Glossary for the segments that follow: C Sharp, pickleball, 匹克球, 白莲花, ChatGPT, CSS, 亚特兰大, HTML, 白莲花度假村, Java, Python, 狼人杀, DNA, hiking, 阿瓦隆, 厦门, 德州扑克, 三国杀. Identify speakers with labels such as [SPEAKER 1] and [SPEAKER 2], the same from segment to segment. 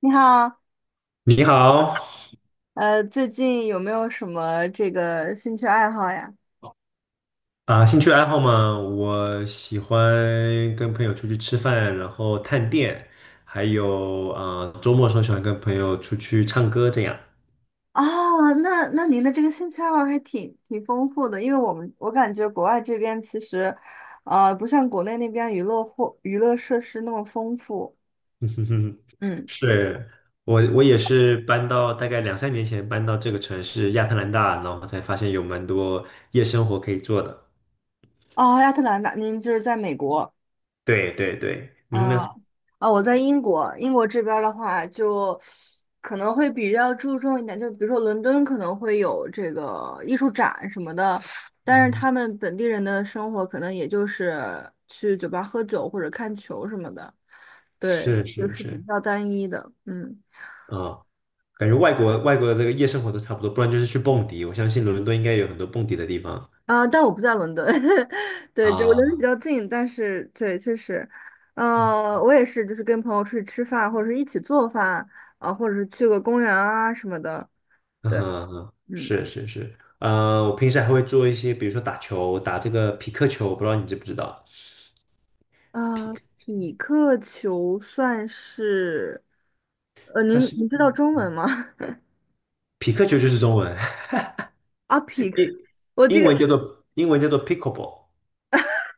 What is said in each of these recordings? [SPEAKER 1] 你好，
[SPEAKER 2] 你好。
[SPEAKER 1] 最近有没有什么这个兴趣爱好呀？
[SPEAKER 2] 兴趣爱好嘛，我喜欢跟朋友出去吃饭，然后探店，还有啊，周末的时候喜欢跟朋友出去唱歌，这样。
[SPEAKER 1] 啊，那您的这个兴趣爱好还挺丰富的，因为我感觉国外这边其实，不像国内那边娱乐或娱乐设施那么丰富。嗯。
[SPEAKER 2] 是，我也是搬到大概两三年前搬到这个城市亚特兰大，然后才发现有蛮多夜生活可以做的。
[SPEAKER 1] 哦，亚特兰大，您就是在美国。
[SPEAKER 2] 对对对，您
[SPEAKER 1] 啊
[SPEAKER 2] 呢？
[SPEAKER 1] 啊！我在英国，英国这边儿的话，就可能会比较注重一点，就比如说伦敦可能会有这个艺术展什么的，但是
[SPEAKER 2] 嗯，
[SPEAKER 1] 他们本地人的生活可能也就是去酒吧喝酒或者看球什么的，对，
[SPEAKER 2] 是
[SPEAKER 1] 就
[SPEAKER 2] 是
[SPEAKER 1] 是比
[SPEAKER 2] 是。
[SPEAKER 1] 较单一的，嗯。
[SPEAKER 2] 啊、感觉外国的这个夜生活都差不多，不然就是去蹦迪。我相信伦敦应该有很多蹦迪的地方。
[SPEAKER 1] 啊，但我不在伦敦，对，这个伦敦
[SPEAKER 2] 啊，
[SPEAKER 1] 比较近，但是对，确实，
[SPEAKER 2] 嗯，
[SPEAKER 1] 我也是，就是跟朋友出去吃饭，或者是一起做饭啊，或者是去个公园啊什么的。
[SPEAKER 2] 嗯
[SPEAKER 1] 对。
[SPEAKER 2] 哼嗯哼，
[SPEAKER 1] 嗯。
[SPEAKER 2] 是是是。我平时还会做一些，比如说打球，打这个匹克球，我不知道你知不知道。匹
[SPEAKER 1] 啊、
[SPEAKER 2] 克，
[SPEAKER 1] 匹克球算是，
[SPEAKER 2] 它
[SPEAKER 1] 您
[SPEAKER 2] 是
[SPEAKER 1] 您知道中文吗？
[SPEAKER 2] 匹克球就是中文。
[SPEAKER 1] 啊，匹 克，
[SPEAKER 2] 英
[SPEAKER 1] 我这个
[SPEAKER 2] 英文叫做 pickleball。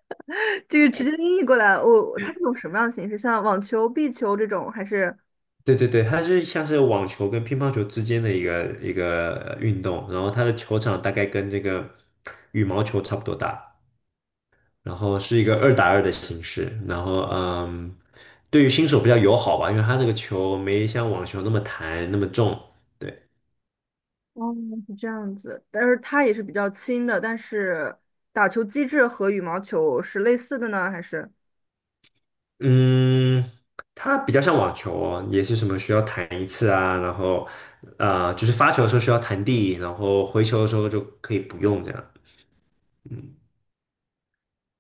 [SPEAKER 1] 这个直接音译过来，我它是种什么样的形式？像网球、壁球这种，还是。
[SPEAKER 2] 对对对，它是像是网球跟乒乓球之间的一个运动，然后它的球场大概跟这个羽毛球差不多大，然后是一个2打2的形式，然后对于新手比较友好吧，因为它那个球没像网球那么弹那么重。对。
[SPEAKER 1] 哦，是这样子。但是它也是比较轻的，但是打球机制和羽毛球是类似的呢，还是？
[SPEAKER 2] 嗯，它比较像网球哦，也是什么需要弹一次啊，然后就是发球的时候需要弹地，然后回球的时候就可以不用这样。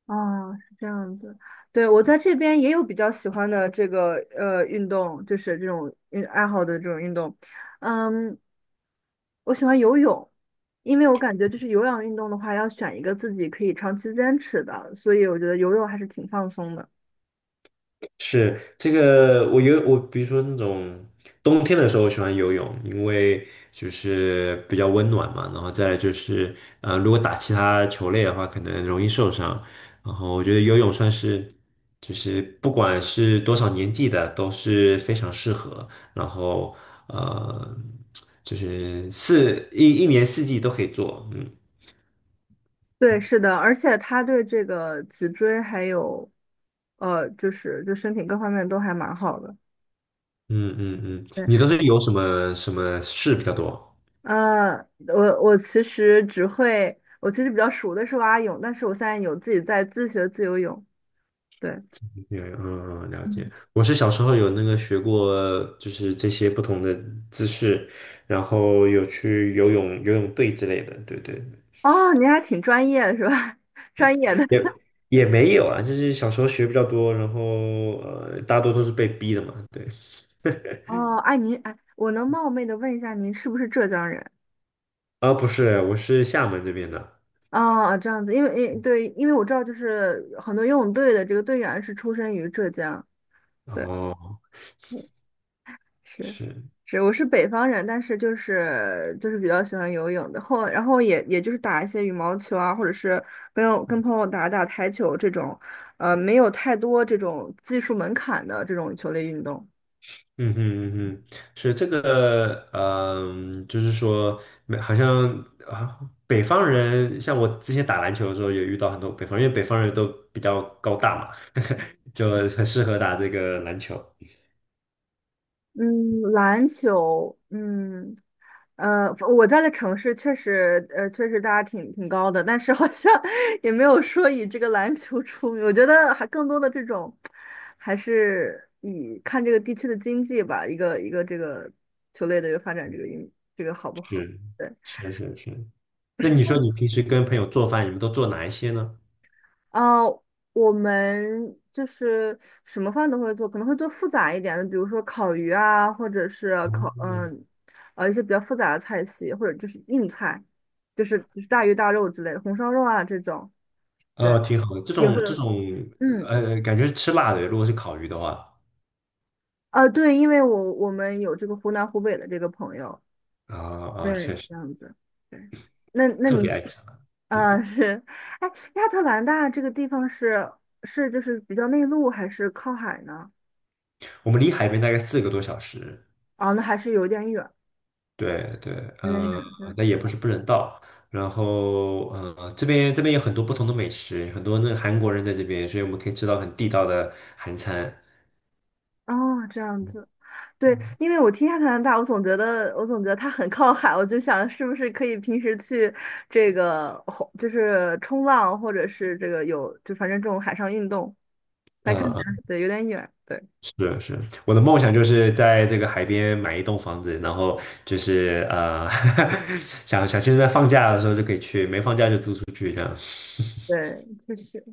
[SPEAKER 1] 哦，是这样子。对，我在这边也有比较喜欢的这个运动，就是这种运爱好的这种运动。嗯，我喜欢游泳，因为我感觉就是有氧运动的话，要选一个自己可以长期坚持的，所以我觉得游泳还是挺放松的。
[SPEAKER 2] 是这个，我游我，比如说那种冬天的时候，我喜欢游泳，因为就是比较温暖嘛。然后再来就是，如果打其他球类的话，可能容易受伤。然后我觉得游泳算是，就是不管是多少年纪的都是非常适合。然后呃，就是一一年四季都可以做。嗯
[SPEAKER 1] 对，是的，而且它对这个脊椎还有就是就身体各方面都还蛮好的。
[SPEAKER 2] 嗯嗯嗯，
[SPEAKER 1] 对。
[SPEAKER 2] 你都是有什么什么事比较多？
[SPEAKER 1] 呃，我其实只会，我其实比较熟的是蛙泳，但是我现在有自己在自学自由泳。对，
[SPEAKER 2] 有嗯嗯，了解。
[SPEAKER 1] 嗯。
[SPEAKER 2] 我是小时候有那个学过，就是这些不同的姿势，然后有去游泳、游泳队之类的，对对。
[SPEAKER 1] 哦，您还挺专业的是吧？专业的。
[SPEAKER 2] 也 也没有啊，就是小时候学比较多，然后大多都是被逼的嘛。对。
[SPEAKER 1] 哦，哎，您哎，我能冒昧的问一下，您是不是浙江人？
[SPEAKER 2] 啊，不是，我是厦门这边的。
[SPEAKER 1] 哦，这样子，因为对，因为我知道，就是很多游泳队的这个队员是出生于浙江。对，
[SPEAKER 2] 哦，
[SPEAKER 1] 是，
[SPEAKER 2] 是。
[SPEAKER 1] 是，我是北方人，但是就是比较喜欢游泳的，后然后也就是打一些羽毛球啊，或者是跟友跟朋友打打台球这种，没有太多这种技术门槛的这种球类运动。
[SPEAKER 2] 嗯哼嗯哼，是这个，就是说，没好像啊，北方人，像我之前打篮球的时候，也遇到很多北方人因为北方人都比较高大嘛。就很适合打这个篮球。
[SPEAKER 1] 嗯，篮球，嗯，呃，我在的城市确实，确实大家挺高的，但是好像 也没有说以这个篮球出名。我觉得还更多的这种，还是以看这个地区的经济吧，一个这个球类的一个发展，这个运这个好不好？
[SPEAKER 2] 是
[SPEAKER 1] 对。
[SPEAKER 2] 是是是。那你说你平时跟朋友做饭，你们都做哪一些呢？
[SPEAKER 1] 啊，我们就是什么饭都会做，可能会做复杂一点的，比如说烤鱼啊，或者是
[SPEAKER 2] 哦
[SPEAKER 1] 烤嗯，一些比较复杂的菜系，或者就是硬菜，就是大鱼大肉之类的，红烧肉啊这种，对，
[SPEAKER 2] 挺好的，这
[SPEAKER 1] 也会
[SPEAKER 2] 种这
[SPEAKER 1] 有，
[SPEAKER 2] 种。
[SPEAKER 1] 嗯。
[SPEAKER 2] 感觉是吃辣的，如果是烤鱼的话。
[SPEAKER 1] 啊对，因为我们有这个湖南湖北的这个朋友，
[SPEAKER 2] 啊啊，确
[SPEAKER 1] 对，
[SPEAKER 2] 实
[SPEAKER 1] 这样子，对，那那
[SPEAKER 2] 特别
[SPEAKER 1] 你
[SPEAKER 2] 爱吃辣。嗯，
[SPEAKER 1] 啊、是，哎，亚特兰大这个地方是就是比较内陆还是靠海呢？
[SPEAKER 2] 我们离海边大概4个多小时。
[SPEAKER 1] 啊，那还是有点远。
[SPEAKER 2] 对对。
[SPEAKER 1] 没有，
[SPEAKER 2] 呃，
[SPEAKER 1] 对，
[SPEAKER 2] 那也不是不能到。然后，这边有很多不同的美食，很多那个韩国人在这边，所以我们可以吃到很地道的韩餐。
[SPEAKER 1] 哦，这样子，对，
[SPEAKER 2] 嗯
[SPEAKER 1] 因为我听下加拿大，我总觉得，我总觉得它很靠海，我就想是不是可以平时去这个，吼就是冲浪，或者是这个有，就反正这种海上运动，来看起
[SPEAKER 2] 嗯，
[SPEAKER 1] 来对有点远，对
[SPEAKER 2] 是是，我的梦想就是在这个海边买一栋房子，然后就是想想现在放假的时候就可以去，没放假就租出去这样。
[SPEAKER 1] 对，确实，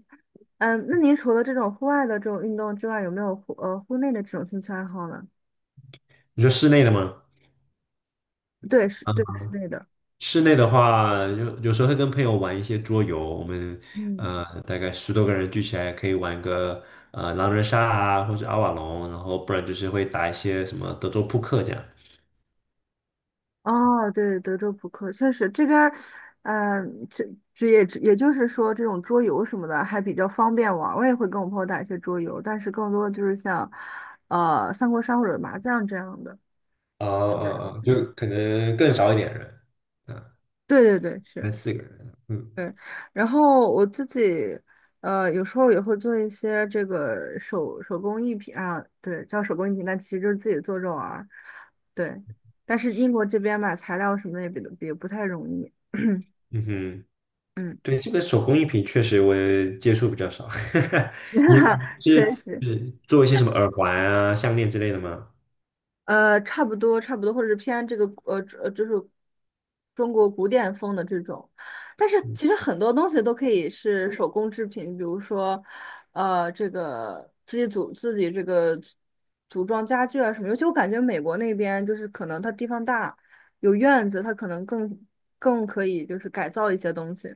[SPEAKER 1] 嗯，那您除了这种户外的这种运动之外，有没有户内的这种兴趣爱好呢？
[SPEAKER 2] 你说室内的吗？
[SPEAKER 1] 对，是，
[SPEAKER 2] 啊？
[SPEAKER 1] 对，室内的，
[SPEAKER 2] 室内的话，有时候会跟朋友玩一些桌游，我们大概10多个人聚起来可以玩个狼人杀啊，或者阿瓦隆，然后不然就是会打一些什么德州扑克这样。
[SPEAKER 1] 哦，对，德州扑克确实这边儿，嗯、这也就是说，这种桌游什么的还比较方便玩儿。我也会跟我朋友打一些桌游，但是更多的就是像，三国杀或者麻将这样的。
[SPEAKER 2] 啊
[SPEAKER 1] 嗯，
[SPEAKER 2] 啊啊，就
[SPEAKER 1] 嗯。
[SPEAKER 2] 可能更少一点人，嗯，
[SPEAKER 1] 对，是，
[SPEAKER 2] 三四个人，嗯，
[SPEAKER 1] 对。然后我自己，有时候也会做一些这个手工艺品啊，对，叫手工艺品，但其实就是自己做着玩儿。对，但是英国这边买材料什么的也比也不太容易。
[SPEAKER 2] 嗯哼。
[SPEAKER 1] 嗯。
[SPEAKER 2] 对，这个手工艺品确实我也接触比较少。你你
[SPEAKER 1] 确
[SPEAKER 2] 是
[SPEAKER 1] 实，
[SPEAKER 2] 是做一些什么耳环啊、项链之类的吗？
[SPEAKER 1] 差不多，差不多，或者是偏这个就是中国古典风的这种。但是其实很多东西都可以是手工制品，比如说，这个自己这个组装家具啊什么。尤其我感觉美国那边就是可能它地方大，有院子，它可能更可以就是改造一些东西。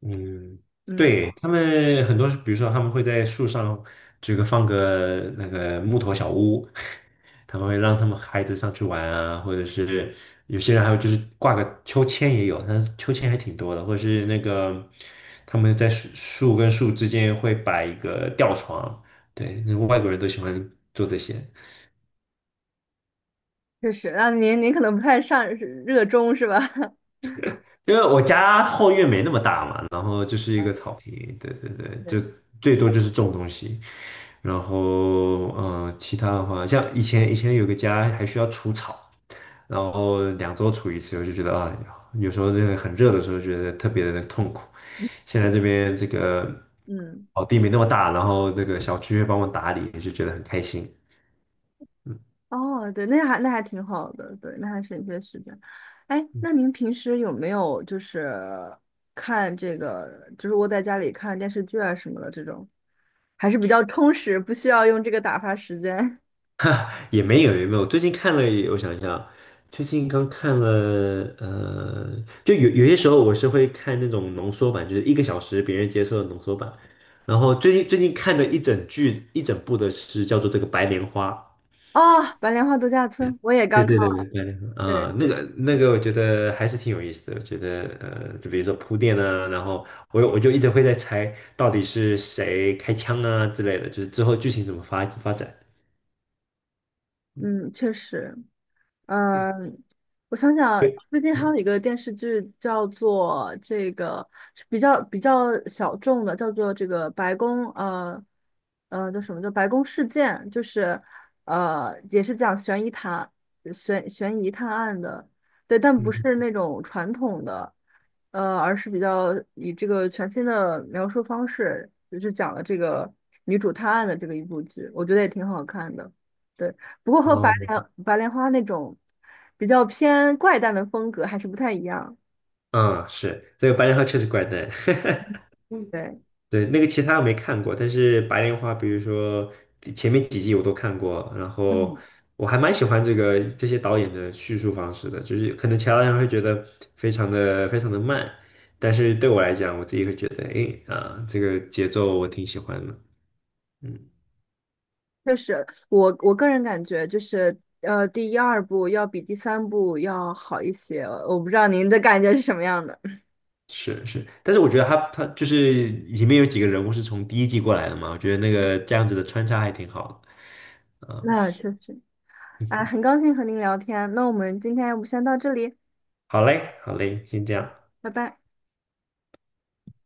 [SPEAKER 2] 嗯，
[SPEAKER 1] 嗯，
[SPEAKER 2] 对，他们很多是比如说他们会在树上这个放个那个木头小屋。他们会让他们孩子上去玩啊，或者是有些人还有就是挂个秋千也有，但是秋千还挺多的，或者是那个他们在树跟树之间会摆一个吊床。对，那外国人都喜欢做这些。
[SPEAKER 1] 确实，那您可能不太上热衷是吧？
[SPEAKER 2] 因为我家后院没那么大嘛，然后就是 一个
[SPEAKER 1] 啊，
[SPEAKER 2] 草坪，对对对，就
[SPEAKER 1] 对，
[SPEAKER 2] 最多就是种东西，然后其他的话，像以前有个家还需要除草，然后2周除一次，我就觉得啊，有时候那个很热的时候觉得特别的痛苦。现在这边这个
[SPEAKER 1] 嗯。
[SPEAKER 2] 草地没那么大，然后这个小区会帮我打理，就觉得很开心。
[SPEAKER 1] 哦，对，那还那还挺好的，对，那还省一些时间。哎，那您平时有没有就是看这个，就是窝在家里看电视剧啊什么的这种，还是比较充实，不需要用这个打发时间。
[SPEAKER 2] 也没有也没有，最近看了，我想一下，最近刚看了，就有些时候我是会看那种浓缩版，就是一个小时别人接受的浓缩版。然后最近看的一整部的是叫做这个《白莲花》。
[SPEAKER 1] 哦，《白莲花度假村》我也刚
[SPEAKER 2] 对
[SPEAKER 1] 看，
[SPEAKER 2] 对对对，白莲花啊，
[SPEAKER 1] 对，
[SPEAKER 2] 那个我觉得还是挺有意思的。我觉得就比如说铺垫啊，然后我就一直会在猜到底是谁开枪啊之类的，就是之后剧情怎么发展。嗯
[SPEAKER 1] 嗯，确实。
[SPEAKER 2] 对
[SPEAKER 1] 嗯，我想想，
[SPEAKER 2] 对，
[SPEAKER 1] 最近还
[SPEAKER 2] 嗯
[SPEAKER 1] 有一个电视剧叫做这个是比较小众的，叫做这个呃叫什么叫白宫事件，就是也是讲悬疑探案的，对，但不
[SPEAKER 2] 嗯。
[SPEAKER 1] 是那种传统的，而是比较以这个全新的描述方式，就是讲了这个女主探案的这个一部剧，我觉得也挺好看的。对。不过和白
[SPEAKER 2] 哦，
[SPEAKER 1] 莲白莲花那种比较偏怪诞的风格还是不太一样。
[SPEAKER 2] 嗯，是这个白莲花确实怪诞。
[SPEAKER 1] 对，
[SPEAKER 2] 对，那个其他我没看过，但是白莲花，比如说前面几季我都看过，然后
[SPEAKER 1] 嗯，
[SPEAKER 2] 我还蛮喜欢这些导演的叙述方式的，就是可能其他人会觉得非常的非常的慢，但是对我来讲，我自己会觉得，诶，这个节奏我挺喜欢的，嗯，
[SPEAKER 1] 确实，我我个人感觉就是第一二部要比第三部要好一些。我不知道您的感觉是什么样的。
[SPEAKER 2] 是是。但是我觉得他就是里面有几个人物是从第一季过来的嘛，我觉得那个这样子的穿插还挺好的。嗯
[SPEAKER 1] 那确实。啊，很高兴和您聊天，那我们今天要不先到这里，
[SPEAKER 2] 好嘞，好嘞，先这样。
[SPEAKER 1] 拜拜。